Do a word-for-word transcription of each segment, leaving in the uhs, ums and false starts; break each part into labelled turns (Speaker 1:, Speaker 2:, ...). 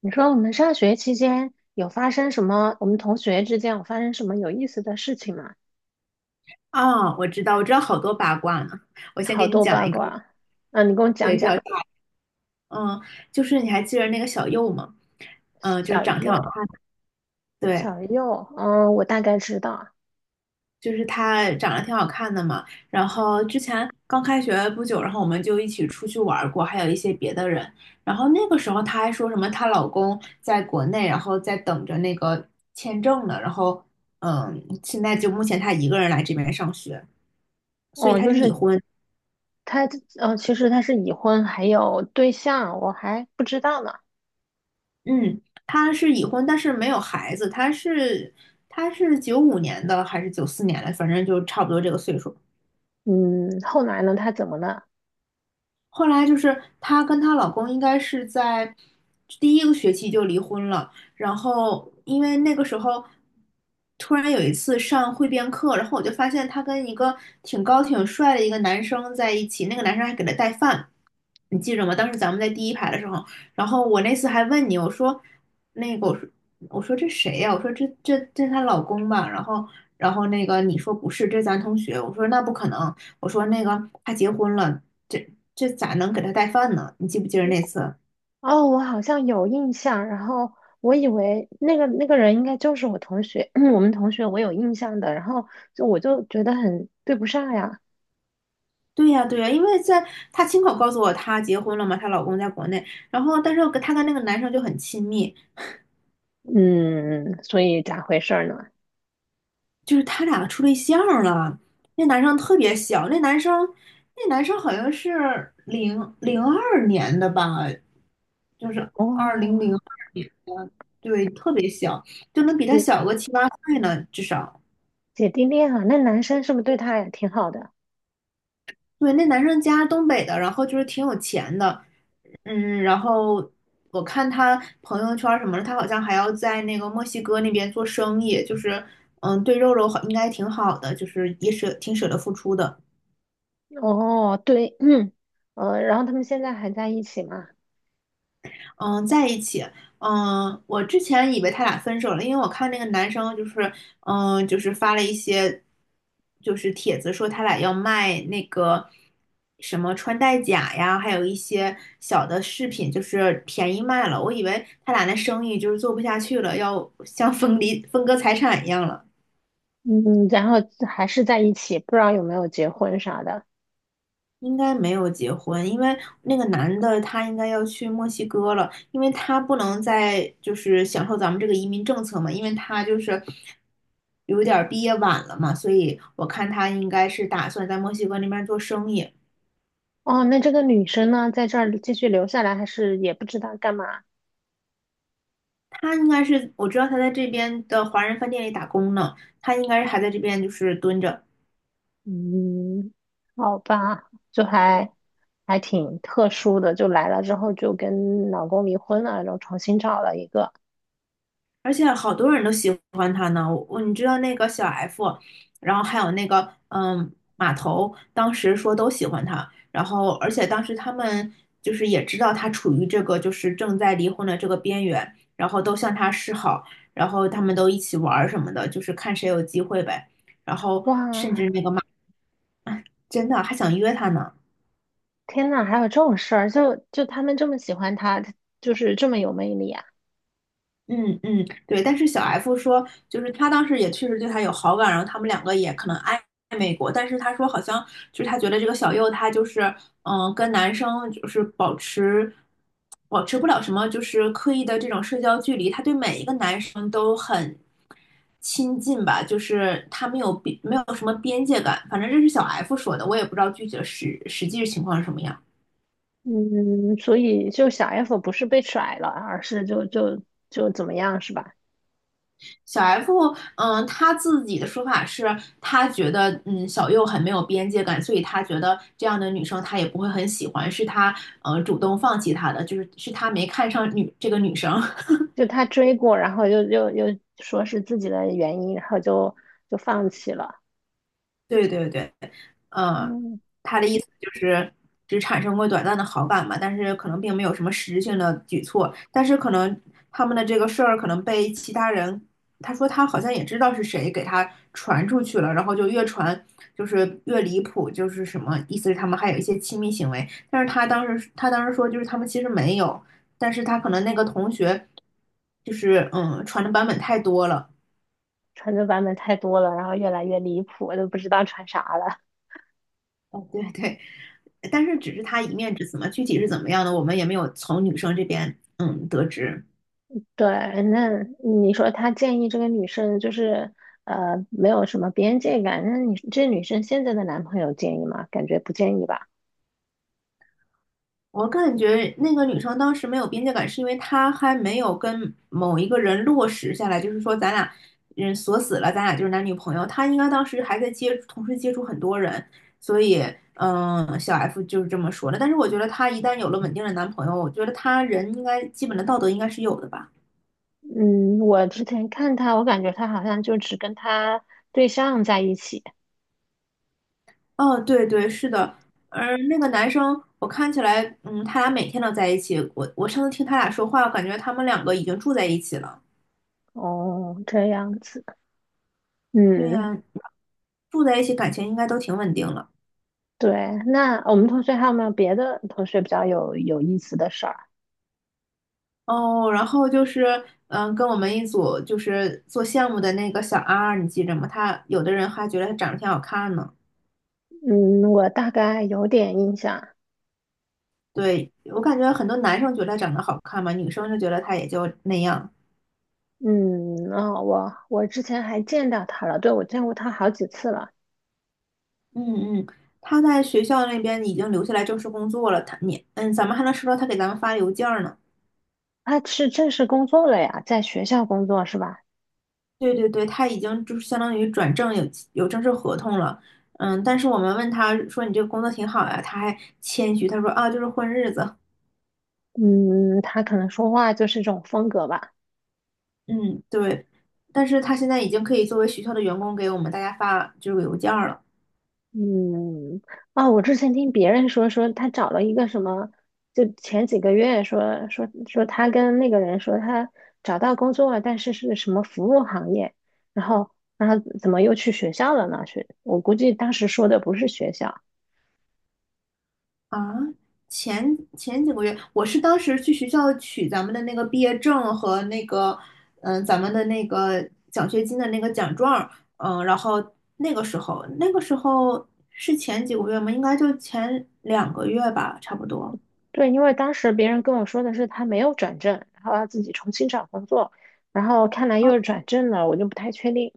Speaker 1: 你说我们上学期间有发生什么？我们同学之间有发生什么有意思的事情吗？
Speaker 2: 啊，我知道，我知道好多八卦呢。我先给
Speaker 1: 好
Speaker 2: 你
Speaker 1: 多
Speaker 2: 讲
Speaker 1: 八
Speaker 2: 一个，
Speaker 1: 卦啊，啊，你给我讲
Speaker 2: 对，比较，
Speaker 1: 讲。
Speaker 2: 嗯，就是你还记得那个小右吗？嗯，就是
Speaker 1: 小
Speaker 2: 长得挺好看
Speaker 1: 右，
Speaker 2: 的，对，
Speaker 1: 小右，嗯，我大概知道。
Speaker 2: 就是她长得挺好看的嘛。然后之前刚开学不久，然后我们就一起出去玩儿过，还有一些别的人。然后那个时候她还说什么她老公在国内，然后在等着那个签证呢。然后，嗯，现在就目前她一个人来这边上学，所以
Speaker 1: 哦，
Speaker 2: 她
Speaker 1: 就
Speaker 2: 是已
Speaker 1: 是
Speaker 2: 婚。
Speaker 1: 他，嗯，其实他是已婚，还有对象，我还不知道呢。
Speaker 2: 嗯，他是已婚，但是没有孩子。他是他是九五年的还是九四年的？反正就差不多这个岁数。
Speaker 1: 嗯，后来呢，他怎么了？
Speaker 2: 后来就是她跟她老公应该是在第一个学期就离婚了，然后因为那个时候突然有一次上汇编课，然后我就发现她跟一个挺高挺帅的一个男生在一起，那个男生还给她带饭，你记着吗？当时咱们在第一排的时候，然后我那次还问你，我说那个我说我说这谁呀、我说这这这她老公吧，然后。然后那个你说不是，这是咱同学。我说那不可能，我说那个他结婚了，这这咋能给他带饭呢？你记不记得那次？
Speaker 1: 哦，我好像有印象。然后我以为那个那个人应该就是我同学，我们同学，我有印象的，然后就我就觉得很对不上呀。
Speaker 2: 对呀，对呀，因为在她亲口告诉我她结婚了嘛，她老公在国内，然后但是我跟她跟那个男生就很亲密，
Speaker 1: 嗯，所以咋回事儿呢？
Speaker 2: 就是他俩处对象了。那男生特别小，那男生那男生好像是零零二年的吧，就是二零
Speaker 1: 哦，
Speaker 2: 零二年的，对，特别小，就能比他
Speaker 1: 姐
Speaker 2: 小个七八岁呢，至少。
Speaker 1: 姐弟恋啊，那男生是不是对她也挺好的？
Speaker 2: 对，那男生家是东北的，然后就是挺有钱的，嗯，然后我看他朋友圈什么的，他好像还要在那个墨西哥那边做生意，就是嗯，对肉肉好应该挺好的，就是也舍挺舍得付出的。
Speaker 1: 哦，对。嗯，呃，然后他们现在还在一起吗？
Speaker 2: 嗯，在一起。嗯，我之前以为他俩分手了，因为我看那个男生就是，嗯，就是发了一些，就是帖子说他俩要卖那个什么穿戴甲呀，还有一些小的饰品，就是便宜卖了。我以为他俩那生意就是做不下去了，要像 分离分割财产一样了。
Speaker 1: 嗯，然后还是在一起，不知道有没有结婚啥的。
Speaker 2: 应该没有结婚，因为那个男的他应该要去墨西哥了，因为他不能再就是享受咱们这个移民政策嘛，因为他就是有点儿毕业晚了嘛，所以我看他应该是打算在墨西哥那边做生意。
Speaker 1: 哦，那这个女生呢，在这儿继续留下来，还是也不知道干嘛？
Speaker 2: 他应该是，我知道他在这边的华人饭店里打工呢，他应该是还在这边就是蹲着。
Speaker 1: 嗯，好吧，就还还挺特殊的，就来了之后就跟老公离婚了，然后重新找了一个。
Speaker 2: 而且好多人都喜欢他呢。我我你知道那个小 F，然后还有那个嗯马头，当时说都喜欢他，然后而且当时他们就是也知道他处于这个就是正在离婚的这个边缘，然后都向他示好，然后他们都一起玩儿什么的，就是看谁有机会呗。然后甚
Speaker 1: 哇，
Speaker 2: 至那个马真的还想约他呢。
Speaker 1: 天呐，还有这种事儿，就就他们这么喜欢他，他就是这么有魅力啊。
Speaker 2: 嗯嗯，对，但是小 F 说，就是他当时也确实对他有好感，然后他们两个也可能暧暧昧过，但是他说好像就是他觉得这个小右他就是嗯、呃跟男生就是保持保持不了什么就是刻意的这种社交距离，他对每一个男生都很亲近吧，就是他没有边没有什么边界感，反正这是小 F 说的，我也不知道具体的实实际情况是什么样。
Speaker 1: 嗯，所以就小 F 不是被甩了，而是就就就怎么样是吧？
Speaker 2: 小 F，嗯，他自己的说法是，他觉得，嗯，小右很没有边界感，所以他觉得这样的女生他也不会很喜欢，是他，呃，主动放弃她的，就是是他没看上女这个女生。
Speaker 1: 就他追过，然后又又又说是自己的原因，然后就就放弃了。
Speaker 2: 对对对，嗯，
Speaker 1: 嗯，
Speaker 2: 他的意思就是只产生过短暂的好感嘛，但是可能并没有什么实质性的举措，但是可能他们的这个事儿可能被其他人，他说他好像也知道是谁给他传出去了，然后就越传就是越离谱，就是什么意思是他们还有一些亲密行为，但是他当时他当时说就是他们其实没有，但是他可能那个同学就是嗯传的版本太多了。
Speaker 1: 穿的版本太多了，然后越来越离谱，我都不知道穿啥了。
Speaker 2: 哦，对对，但是只是他一面之词嘛，具体是怎么样的，我们也没有从女生这边嗯得知。
Speaker 1: 对，那你说他建议这个女生就是呃没有什么边界感，那你这女生现在的男朋友建议吗？感觉不建议吧。
Speaker 2: 我感觉那个女生当时没有边界感，是因为她还没有跟某一个人落实下来，就是说咱俩嗯锁死了，咱俩就是男女朋友。她应该当时还在接同时接触很多人，所以嗯小 F 就是这么说的。但是我觉得她一旦有了稳定的男朋友，我觉得她人应该基本的道德应该是有的吧。
Speaker 1: 嗯，我之前看他，我感觉他好像就只跟他对象在一起。
Speaker 2: 哦，对对，是的，而那个男生，我看起来，嗯，他俩每天都在一起。我我上次听他俩说话，我感觉他们两个已经住在一起了。
Speaker 1: 哦，这样子。
Speaker 2: 对
Speaker 1: 嗯，
Speaker 2: 呀，住在一起，感情应该都挺稳定了。
Speaker 1: 对。那我们同学还有没有别的同学比较有有意思的事儿？
Speaker 2: 哦，然后就是，嗯，跟我们一组就是做项目的那个小 R，你记着吗？他有的人还觉得他长得挺好看呢。
Speaker 1: 嗯，我大概有点印象。
Speaker 2: 对，我感觉很多男生觉得他长得好看嘛，女生就觉得他也就那样。
Speaker 1: 嗯，哦，我我之前还见到他了，对，我见过他好几次了。
Speaker 2: 嗯嗯，他在学校那边已经留下来正式工作了，他你嗯，咱们还能收到他给咱们发邮件儿呢。
Speaker 1: 他是正式工作了呀，在学校工作是吧？
Speaker 2: 对对对，他已经就是相当于转正有有正式合同了，嗯，但是我们问他说你这个工作挺好呀，他还谦虚，他说啊就是混日子，
Speaker 1: 嗯，他可能说话就是这种风格吧。
Speaker 2: 嗯对，但是他现在已经可以作为学校的员工给我们大家发就是邮件儿了。
Speaker 1: 嗯，啊，我之前听别人说，说他找了一个什么，就前几个月说说说他跟那个人说他找到工作了，但是是什么服务行业，然后然后怎么又去学校了呢？学，我估计当时说的不是学校。
Speaker 2: 啊，前前几个月，我是当时去学校取咱们的那个毕业证和那个，嗯、咱们的那个奖学金的那个奖状嗯、然后那个时候，那个时候是前几个月吗？应该就前两个月吧，差不多。
Speaker 1: 对，因为当时别人跟我说的是他没有转正，然后要自己重新找工作，然后看来又转正了，我就不太确定。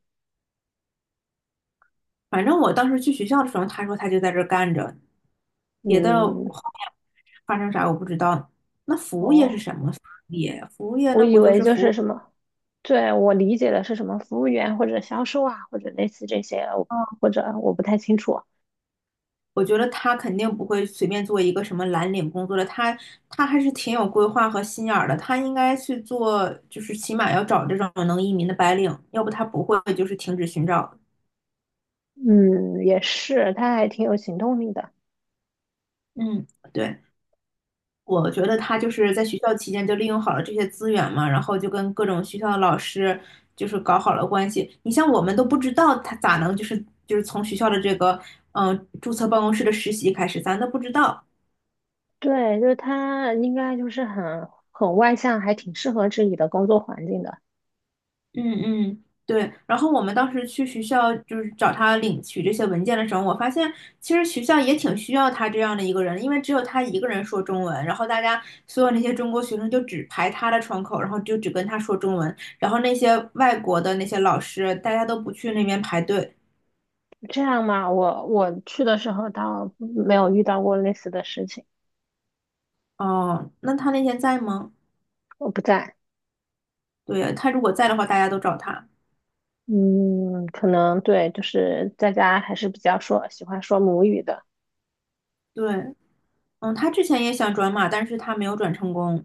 Speaker 2: 反正我当时去学校的时候，他说他就在这儿干着，别的后
Speaker 1: 嗯，
Speaker 2: 面发生啥我不知道。那服务业是
Speaker 1: 哦，
Speaker 2: 什么服务业？服务业
Speaker 1: 我
Speaker 2: 那
Speaker 1: 以
Speaker 2: 不就
Speaker 1: 为
Speaker 2: 是
Speaker 1: 就
Speaker 2: 服
Speaker 1: 是
Speaker 2: 务？
Speaker 1: 什么。对，我理解的是什么服务员或者销售啊，或者类似这些，我或者我不太清楚。
Speaker 2: 我觉得他肯定不会随便做一个什么蓝领工作的，他他还是挺有规划和心眼儿的，他应该去做，就是起码要找这种能移民的白领，要不他不会就是停止寻找。
Speaker 1: 嗯，也是，他还挺有行动力的。
Speaker 2: 嗯，对，我觉得他就是在学校期间就利用好了这些资源嘛，然后就跟各种学校的老师就是搞好了关系。你像我们都不知道他咋能就是就是从学校的这个嗯、呃注册办公室的实习开始，咱都不知道。
Speaker 1: 对，就是他应该就是很很外向，还挺适合这里的工作环境的。
Speaker 2: 嗯嗯，对。然后我们当时去学校就是找他领取这些文件的时候，我发现其实学校也挺需要他这样的一个人，因为只有他一个人说中文，然后大家所有那些中国学生就只排他的窗口，然后就只跟他说中文，然后那些外国的那些老师，大家都不去那边排队。
Speaker 1: 这样嘛，我我去的时候倒没有遇到过类似的事情，
Speaker 2: 哦，那他那天在吗？
Speaker 1: 我不在。
Speaker 2: 对，他如果在的话，大家都找他。
Speaker 1: 嗯，可能对，就是在家还是比较说喜欢说母语的。
Speaker 2: 对，嗯，他之前也想转码，但是他没有转成功。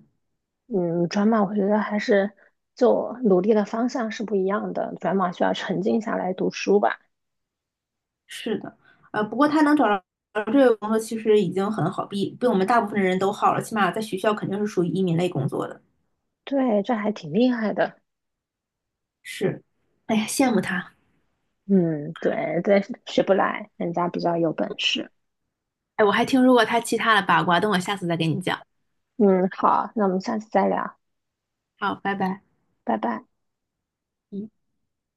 Speaker 1: 嗯，转码我觉得还是就努力的方向是不一样的，转码需要沉静下来读书吧。
Speaker 2: 是的，呃，不过他能找到这个工作其实已经很好，比比我们大部分人都好了，起码在学校肯定是属于移民类工作的。
Speaker 1: 对，这还挺厉害的。
Speaker 2: 是，哎呀，羡慕他。
Speaker 1: 嗯，对，这学不来，人家比较有本事。
Speaker 2: 哎，我还听说过他其他的八卦，等我下次再给你讲。
Speaker 1: 嗯，好，那我们下次再聊，
Speaker 2: 好，拜拜。
Speaker 1: 拜拜。
Speaker 2: 嗯。